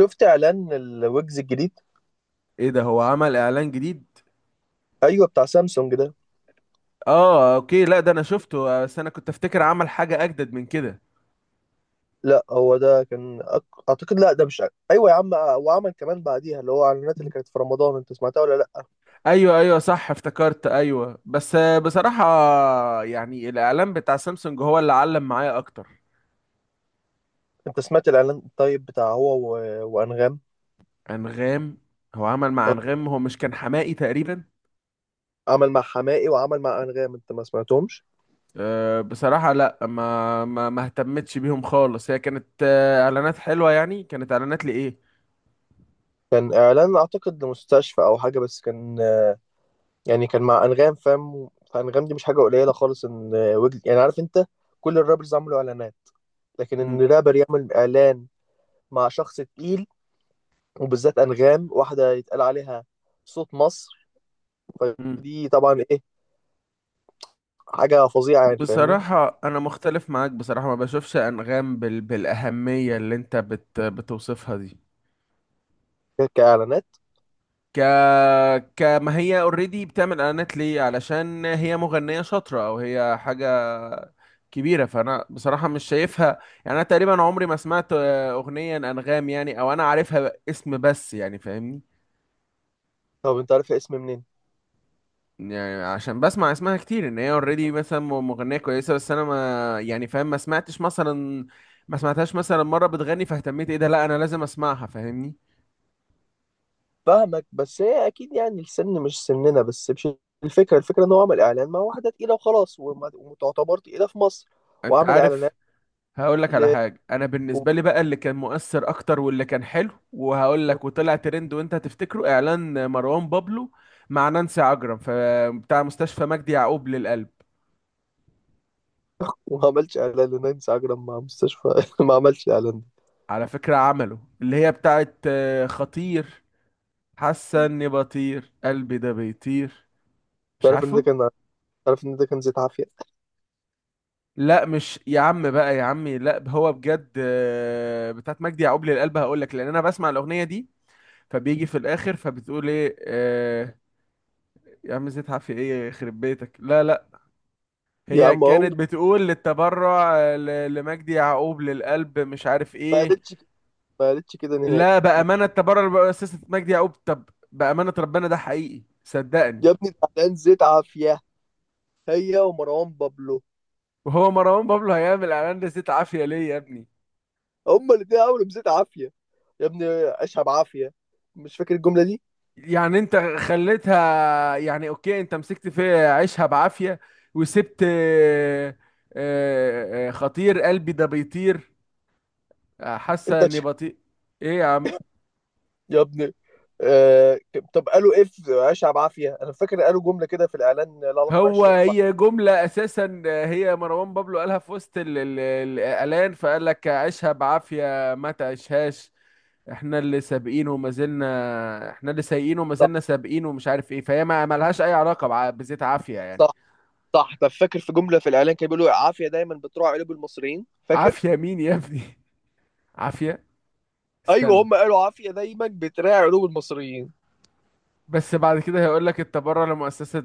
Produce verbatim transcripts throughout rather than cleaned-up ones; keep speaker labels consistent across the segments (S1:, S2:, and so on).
S1: شفت اعلان الويجز الجديد.
S2: ايه ده؟ هو عمل اعلان جديد؟
S1: ايوه، بتاع سامسونج ده.
S2: اه، اوكي. لا، ده انا شفته، بس انا كنت افتكر عمل حاجة اجدد من كده.
S1: لا، هو ده كان أك- اعتقد، لا ده مش أ- ايوه يا عم، آه، وعمل كمان بعديها اللي هو اعلانات اللي كانت في رمضان. انت سمعتها ولا لا؟
S2: ايوه، ايوه، صح، افتكرت، ايوه، بس آه، بصراحة يعني الاعلان بتاع سامسونج هو اللي علم معايا اكتر.
S1: انت سمعت الاعلان طيب بتاع هو و... وانغام.
S2: انغام؟ هو عمل مع
S1: آه،
S2: انغام؟ هو مش كان حماقي تقريبا؟
S1: عمل مع حماقي وعمل مع انغام، انت ما سمعتهمش؟
S2: أه، بصراحة لا، ما ما ما اهتمتش بيهم خالص. هي كانت آه، اعلانات حلوة يعني، كانت اعلانات لايه.
S1: كان اعلان اعتقد لمستشفى او حاجه، بس كان آه، يعني كان مع انغام، فاهم؟ فانغام دي مش حاجه قليله خالص، ان آه، ويجز يعني، عارف انت. كل الرابرز عملوا اعلانات، لكن ان
S2: مم.
S1: رابر يعمل اعلان مع شخص تقيل، وبالذات انغام، واحده يتقال عليها صوت مصر.
S2: مم.
S1: فدي طبعا ايه، حاجه فظيعه يعني، فاهمني؟
S2: بصراحة أنا مختلف معاك. بصراحة ما بشوفش أنغام بال... بالأهمية اللي أنت بت... بتوصفها دي.
S1: ك- كاعلانات.
S2: ك... كما هي اوريدي بتعمل إعلانات ليه؟ علشان هي مغنية شاطرة أو هي حاجة كبيرة؟ فأنا بصراحة مش شايفها. يعني أنا تقريبا عمري ما سمعت آه، أغنية أنغام يعني، أو أنا عارفها اسم بس، يعني فاهمني.
S1: طب انت عارف اسم منين؟
S2: يعني عشان بسمع اسمها كتير ان هي اوريدي مثلا م- مغنيه كويسه، بس انا ما، يعني فاهم، ما سمعتش مثلا، ما سمعتهاش مثلا مره بتغني، فاهتميت ايه ده، لا انا لازم اسمعها، فاهمني.
S1: فاهمك، بس هي اكيد يعني السن مش سننا. بس مش الفكره الفكره ان هو عمل اعلان مع واحده تقيله وخلاص، وما- وتعتبر تقيله في مصر
S2: انت
S1: وعامل
S2: عارف،
S1: اعلانات.
S2: هقول لك على
S1: ل...
S2: حاجه. انا
S1: و-
S2: بالنسبه لي بقى، اللي كان مؤثر اكتر واللي كان حلو، وهقول لك وطلع ترند وانت هتفتكره، اعلان مروان بابلو مع نانسي عجرم، ف- بتاع مستشفى مجدي يعقوب للقلب.
S1: وما عملش اعلان لنانسي عجرم مع مستشفى ما عملش اعلان ده.
S2: على فكره عمله اللي هي بتاعت آه، خطير، حاسه اني بطير، قلبي ده بيطير، مش
S1: تعرف ان ده
S2: عارفه.
S1: كان، تعرف ان ده كان زيت عافيه.
S2: لا، مش يا عم بقى، يا عمي لا، هو بجد آه، بتاعت مجدي يعقوب للقلب. هقول لك، لان انا بسمع الاغنيه دي فبيجي في الاخر فبتقول ايه آه، يا عم؟ زيد عافيه ايه يخرب بيتك؟ لا لا،
S1: يا
S2: هي
S1: عم هو
S2: كانت
S1: ما
S2: بتقول للتبرع آه، ل- لمجدي يعقوب للقلب، مش عارف ايه.
S1: قالتش ما قالتش كده نهائي.
S2: لا، بامانه، التبرع لمؤسسه مجدي يعقوب. طب بامانه، ربنا ده حقيقي، صدقني.
S1: يا ابني، ده اعلان زيت عافيه هي ومروان بابلو.
S2: وهو مروان بابلو هيعمل اعلان لزيت عافيه ليه يا ابني؟
S1: هما الاتنين عملوا مزيت عافية يا ابني، عيشها بعافية، مش فاكر الجملة دي؟
S2: يعني انت خليتها، يعني اوكي، انت مسكت في عيشها بعافية وسبت آه، آه، آه، خطير قلبي ده بيطير، آه، حاسة
S1: انت
S2: اني
S1: ش...
S2: بطيء. ايه يا عم؟
S1: يا ابني، آه... طب قالوا ايه في عيشها بعافية؟ انا فاكر قالوا جملة كده في الاعلان لها علاقة
S2: هو
S1: بعيشها بع-.
S2: هي جملة اساسا آه، هي مروان بابلو قالها في وسط ال- ال- الاعلان، فقال لك عيشها بعافية ما تعيشهاش، احنا اللي سابقين وما زلنا، احنا اللي سايقين وما
S1: صح،
S2: زلنا سابقين ومش عارف ايه. فهي ما ملهاش اي علاقة بع- بزيت عافية يعني.
S1: صح، صح. طب فاكر في جملة في الاعلان كانوا بيقولوا عافية دايما بتراعي قلوب المصريين؟ فاكر؟
S2: عافية مين يا ابني؟ عافية؟
S1: ايوه،
S2: استنى.
S1: هما قالوا عافية دايما بتراعي قلوب المصريين.
S2: بس بعد كده هيقول لك انت بره، لمؤسسة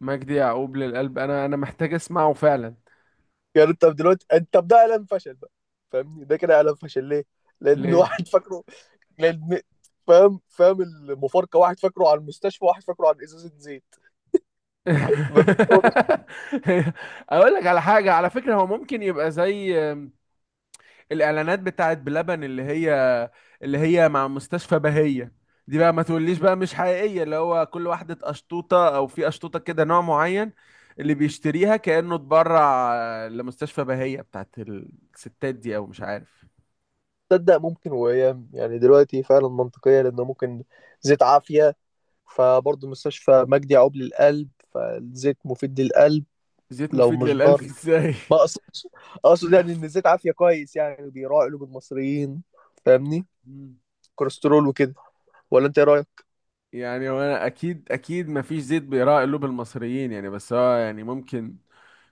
S2: مجدي يعقوب للقلب. انا انا محتاج اسمعه فعلا.
S1: يعني طب دلوقتي انت، طب ده اعلان فشل بقى، فاهمني؟ ده كده اعلان فشل ليه؟ لان
S2: ليه؟
S1: واحد فاكره. لان، فاهم؟ فاهم المفارقه، واحد فاكره على المستشفى، واحد فاكره على ازازه زيت. مفيش فرق.
S2: اقول لك على حاجة، على فكرة، هو ممكن يبقى زي الاعلانات بتاعت بلبن اللي هي، اللي هي مع مستشفى بهية. دي بقى ما تقوليش بقى مش حقيقية، اللي هو كل واحدة قشطوطة، او في قشطوطة كده نوع معين اللي بيشتريها كأنه اتبرع لمستشفى بهية بتاعت الستات دي، او مش عارف.
S1: تصدق ممكن؟ وايام يعني دلوقتي فعلا منطقيه، لانه ممكن زيت عافيه فبرضه مستشفى مجدي يعقوب للقلب، فالزيت مفيد للقلب.
S2: زيت
S1: لو
S2: مفيد
S1: مش
S2: للقلب
S1: ضار.
S2: ازاي؟
S1: ما اقصدش، اقصد يعني ان الزيت عافيه كويس، يعني بيراعي قلوب المصريين، فاهمني؟ كوليسترول وكده. ولا انت ايه رايك؟
S2: يعني هو انا اكيد، اكيد مفيش زيت بيراعي قلوب المصريين يعني. بس هو يعني ممكن،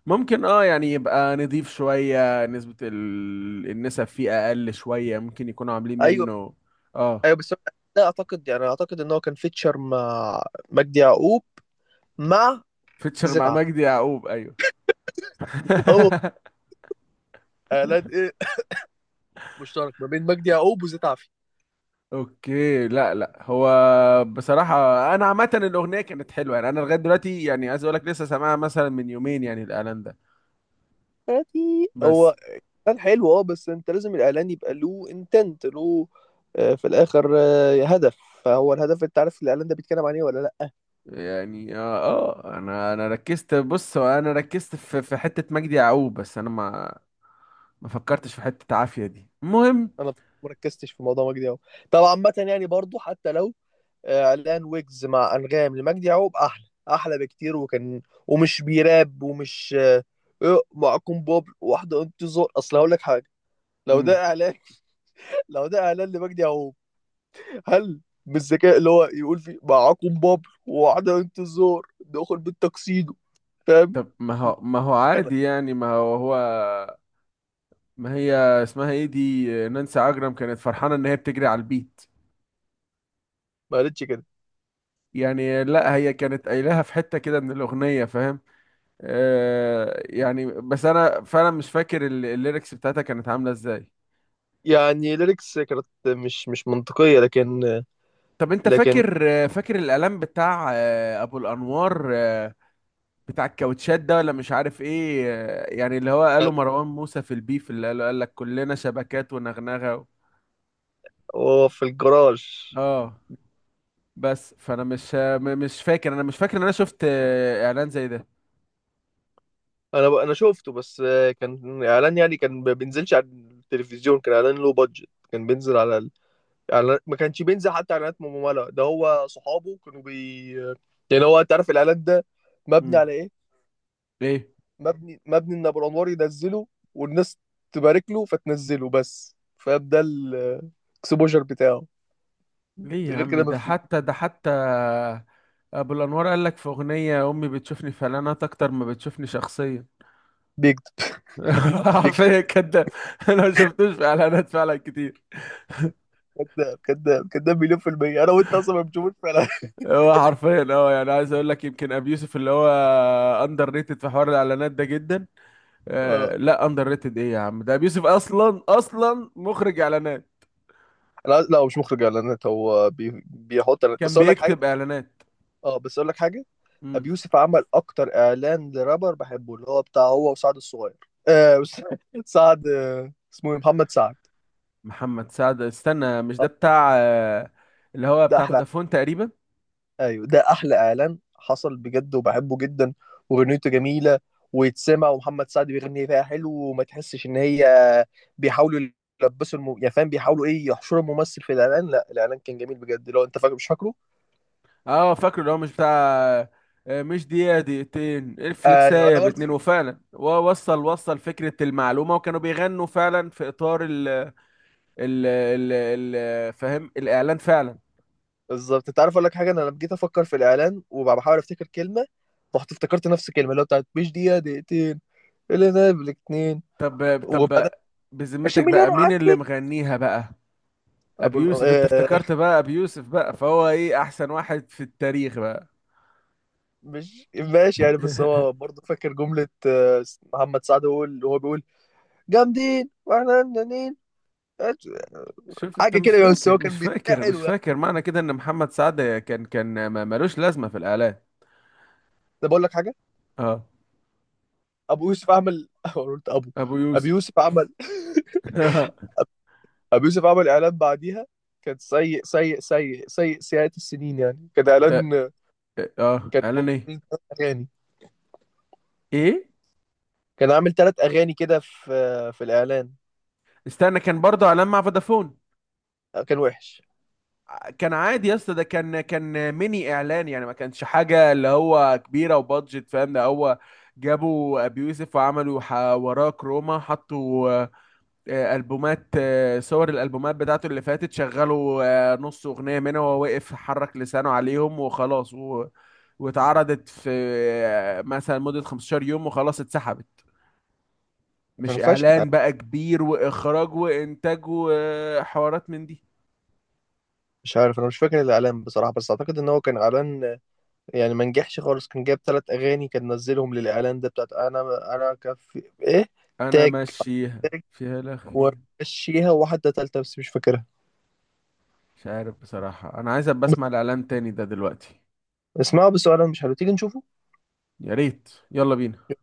S2: ممكن اه، يعني يبقى نضيف، شوية نسبة ال... النسب فيه اقل شوية، ممكن يكونوا عاملين
S1: ايوه،
S2: منه. اه.
S1: ايوه بس، لا اعتقد، يعني اعتقد ان هو كان فيتشر مع مجدي يعقوب، مع
S2: فيتشر
S1: زيت
S2: مع مجدي
S1: عافيه.
S2: يعقوب، ايوه.
S1: هو اعلان ايه مشترك ما بين مجدي يعقوب وزيت عافية.
S2: اوكي، لا لا، هو بصراحة انا عامة الاغنية كانت حلوة يعني، انا لغاية دلوقتي يعني عايز اقول لك، لسه سامعها مثلا من يومين يعني الاعلان ده.
S1: يعني
S2: بس
S1: هو كان حلو اه، بس انت لازم الاعلان يبقى له انتنت له آه، في الاخر آه، هدف. فهو الهدف، انت عارف الاعلان ده بيتكلم عن ايه ولا لا؟
S2: يعني اه، آه، انا انا ركزت، بص، هو انا ركزت في في حته مجدي يعقوب، بس انا ما، ما فكرتش في حته عافيه دي، المهم.
S1: انا مركزتش في موضوع مجدي يعقوب. طبعا عامه يعني برضو حتى لو آه، اعلان ويجز مع انغام لمجدي يعقوب احلى، احلى بكتير، وكان ومش بيراب ومش آه، إيه، معكم بوب واحده انتظار. اصل هقول لك حاجه، لو
S2: مم.
S1: ده اعلان لو ده اعلان لمجدي يعقوب، هل بالذكاء اللي هو يقول في معاكم بابل وعدم انتظار دخل بالتكسيدو؟ فاهم
S2: طب ما هو، ما هو
S1: كده؟
S2: عادي يعني، ما هو هو، ما هي اسمها ايه دي، نانسي عجرم، كانت فرحانه ان هي بتجري على البيت.
S1: ما قالتش كده
S2: يعني لا، هي كانت قايلها في حته كده من الاغنيه، فاهم؟ آه يعني، بس انا فعلا مش فاكر ال- الليركس بتاعتها كانت عامله ازاي.
S1: يعني. ليركس كانت مش مش منطقية، لكن
S2: طب انت
S1: لكن
S2: فاكر، فاكر الاعلان بتاع آه، ابو الانوار آه، بتاع الكاوتشات ده ولا مش عارف ايه؟ آه، يعني اللي هو قاله مروان موسى في البيف، اللي قاله قال لك كلنا شبكات ونغنغه و...
S1: هو في الجراج.
S2: اه، بس فانا مش م- مش فاكر، انا مش فاكر ان انا شفت آه، اعلان زي ده.
S1: انا ب... انا شفته، بس كان اعلان يعني كان ما بينزلش على التلفزيون. كان اعلان لو بادجت كان بينزل على ال... اعلان ما كانش بينزل حتى اعلانات ممولة. ده هو صحابه كانوا بي، يعني هو انت عارف الاعلان ده مبني
S2: امم
S1: على ايه؟
S2: ليه؟
S1: مبني مبني ان ابو الانوار ينزله والناس تبارك له فتنزله، بس فاهم ده الاكسبوجر بتاعه
S2: ليه يا
S1: غير
S2: عم؟
S1: كده ما
S2: ده
S1: في.
S2: حتى، ده حتى ابو الانوار قال لك في اغنيه، امي بتشوفني في اعلانات اكتر ما بتشوفني شخصيا.
S1: بيكذب، بيكذب.
S2: عارفين كده. انا ما شفتوش في اعلانات فعلا كتير.
S1: كذاب، كذاب، كذاب، مليون في المية. أنا وأنت أصلا ما بنشوفوش فعلا.
S2: هو حرفيا اه، يعني عايز اقول لك، يمكن ابي يوسف اللي هو اندر ريتد في حوار الاعلانات ده جدا.
S1: اه.
S2: آه لا، اندر ريتد ايه يا عم؟ ده ابي يوسف اصلا، اصلا مخرج اعلانات،
S1: أنا عايز- لا، هو مش مخرج إعلانات، هو بي... بيحط إعلانات.
S2: كان
S1: بس أقول لك حاجة،
S2: بيكتب اعلانات.
S1: أه بس أقول لك حاجة،
S2: مم.
S1: أبي يوسف عمل أكتر إعلان لرابر بحبه، اللي هو بتاع هو وسعد الصغير. آه بس- سعد آه، اسمه إيه؟ محمد سعد.
S2: محمد سعد؟ استنى، مش
S1: آه،
S2: ده بتاع آه اللي هو
S1: ده
S2: بتاع
S1: أحلى.
S2: فودافون تقريبا؟
S1: ايوه، ده احلى اعلان حصل بجد، وبحبه جدا، واغنيته جميله ويتسمع، ومحمد سعد بيغني فيها حلو. وما تحسش ان هي بيحاولوا يلبسوا الم... يعني فاهم بيحاولوا ايه، يحشروا الممثل في الاعلان. لا الاعلان كان جميل بجد، لو انت فاكر مش فاكره.
S2: اه فاكره، اللي هو مش بتاع آه مش دقيقة دقيقتين
S1: ايوه،
S2: الفلكساية
S1: انا برضه
S2: باتنين،
S1: فاكر
S2: وفعلا ووصل، وصل فكرة المعلومة، وكانوا بيغنوا فعلا في اطار ال ال ال ال- فاهم الاعلان فعلا.
S1: بالظبط. انت عارف اقول لك حاجه، انا لما جيت افكر في الاعلان وبحاول افتكر كلمه، رحت افتكرت نفس الكلمه اللي هو بتاعت مش دقيقه دقيقتين، اللي انا بالاتنين.
S2: طب، طب،
S1: وبعدين
S2: بذمتك
S1: عشرين مليون
S2: بقى مين اللي
S1: وعدي.
S2: مغنيها بقى؟ ابي
S1: أبو...
S2: يوسف؟ انت افتكرت بقى ابي يوسف بقى، فهو ايه، احسن واحد في التاريخ بقى؟
S1: مش ماشي يعني، بس هو برضه فاكر جملة آه، محمد سعد هو اللي هو بيقول جامدين واحنا جامدين.
S2: شوف انت،
S1: حاجة
S2: مش
S1: كده يعني، بس
S2: فاكر
S1: هو
S2: مش
S1: كان بيتناحل
S2: فاكر مش
S1: حلو يعني.
S2: فاكر معنى كده ان محمد سعد كان، كان ما- ملوش لازمة في الاعلان.
S1: ده بقول لك حاجة،
S2: اه.
S1: أبو يوسف عمل أنا قلت أبو
S2: ابو
S1: أبو
S2: يوسف.
S1: يوسف عمل، أبو يوسف عمل إعلان بعديها كان سيء، سيء، سيء، سيء، سيئات السنين، يعني كان
S2: ده؟
S1: إعلان،
S2: اه،
S1: كان هو
S2: اعلان ايه؟
S1: عامل تلات أغاني.
S2: ايه؟
S1: كان عامل ثلاث أغاني كده في في الإعلان.
S2: استنى، كان برضه اعلان مع فودافون؟
S1: كان وحش،
S2: كان عادي يا اسطى، ده كان، كان ميني اعلان يعني، ما كانش حاجه اللي هو كبيره وبادجت. فاهم ده؟ هو جابوا ابي يوسف وعملوا ح- وراه كروما، حطوا آه، آه، البومات آه، صور الالبومات بتاعته اللي فاتت، شغلوا آه، نص اغنيه منها وهو واقف حرك لسانه عليهم وخلاص، و... واتعرضت في آه، مثلا مده خمستاشر يوم وخلاص اتسحبت،
S1: كان
S2: مش
S1: فاشل.
S2: اعلان بقى كبير واخراج وانتاج وحوارات من دي.
S1: مش عارف، أنا مش فاكر الإعلان بصراحة، بس أعتقد إن هو كان إعلان يعني ما نجحش خالص، كان جايب ثلاث اغاني كان نزلهم للاعلان ده بتاعت انا، انا كفي ايه،
S2: انا
S1: تاج،
S2: ماشيها
S1: تاج
S2: فيها لخ فيها.
S1: ومشيها وواحده ثالثه بس مش فاكرها.
S2: مش عارف بصراحة، انا عايز ابقى
S1: بس
S2: اسمع الاعلان تاني ده دلوقتي.
S1: اسمعوا، بس هو انا مش حلو، تيجي نشوفه؟
S2: يا ريت، يلا بينا.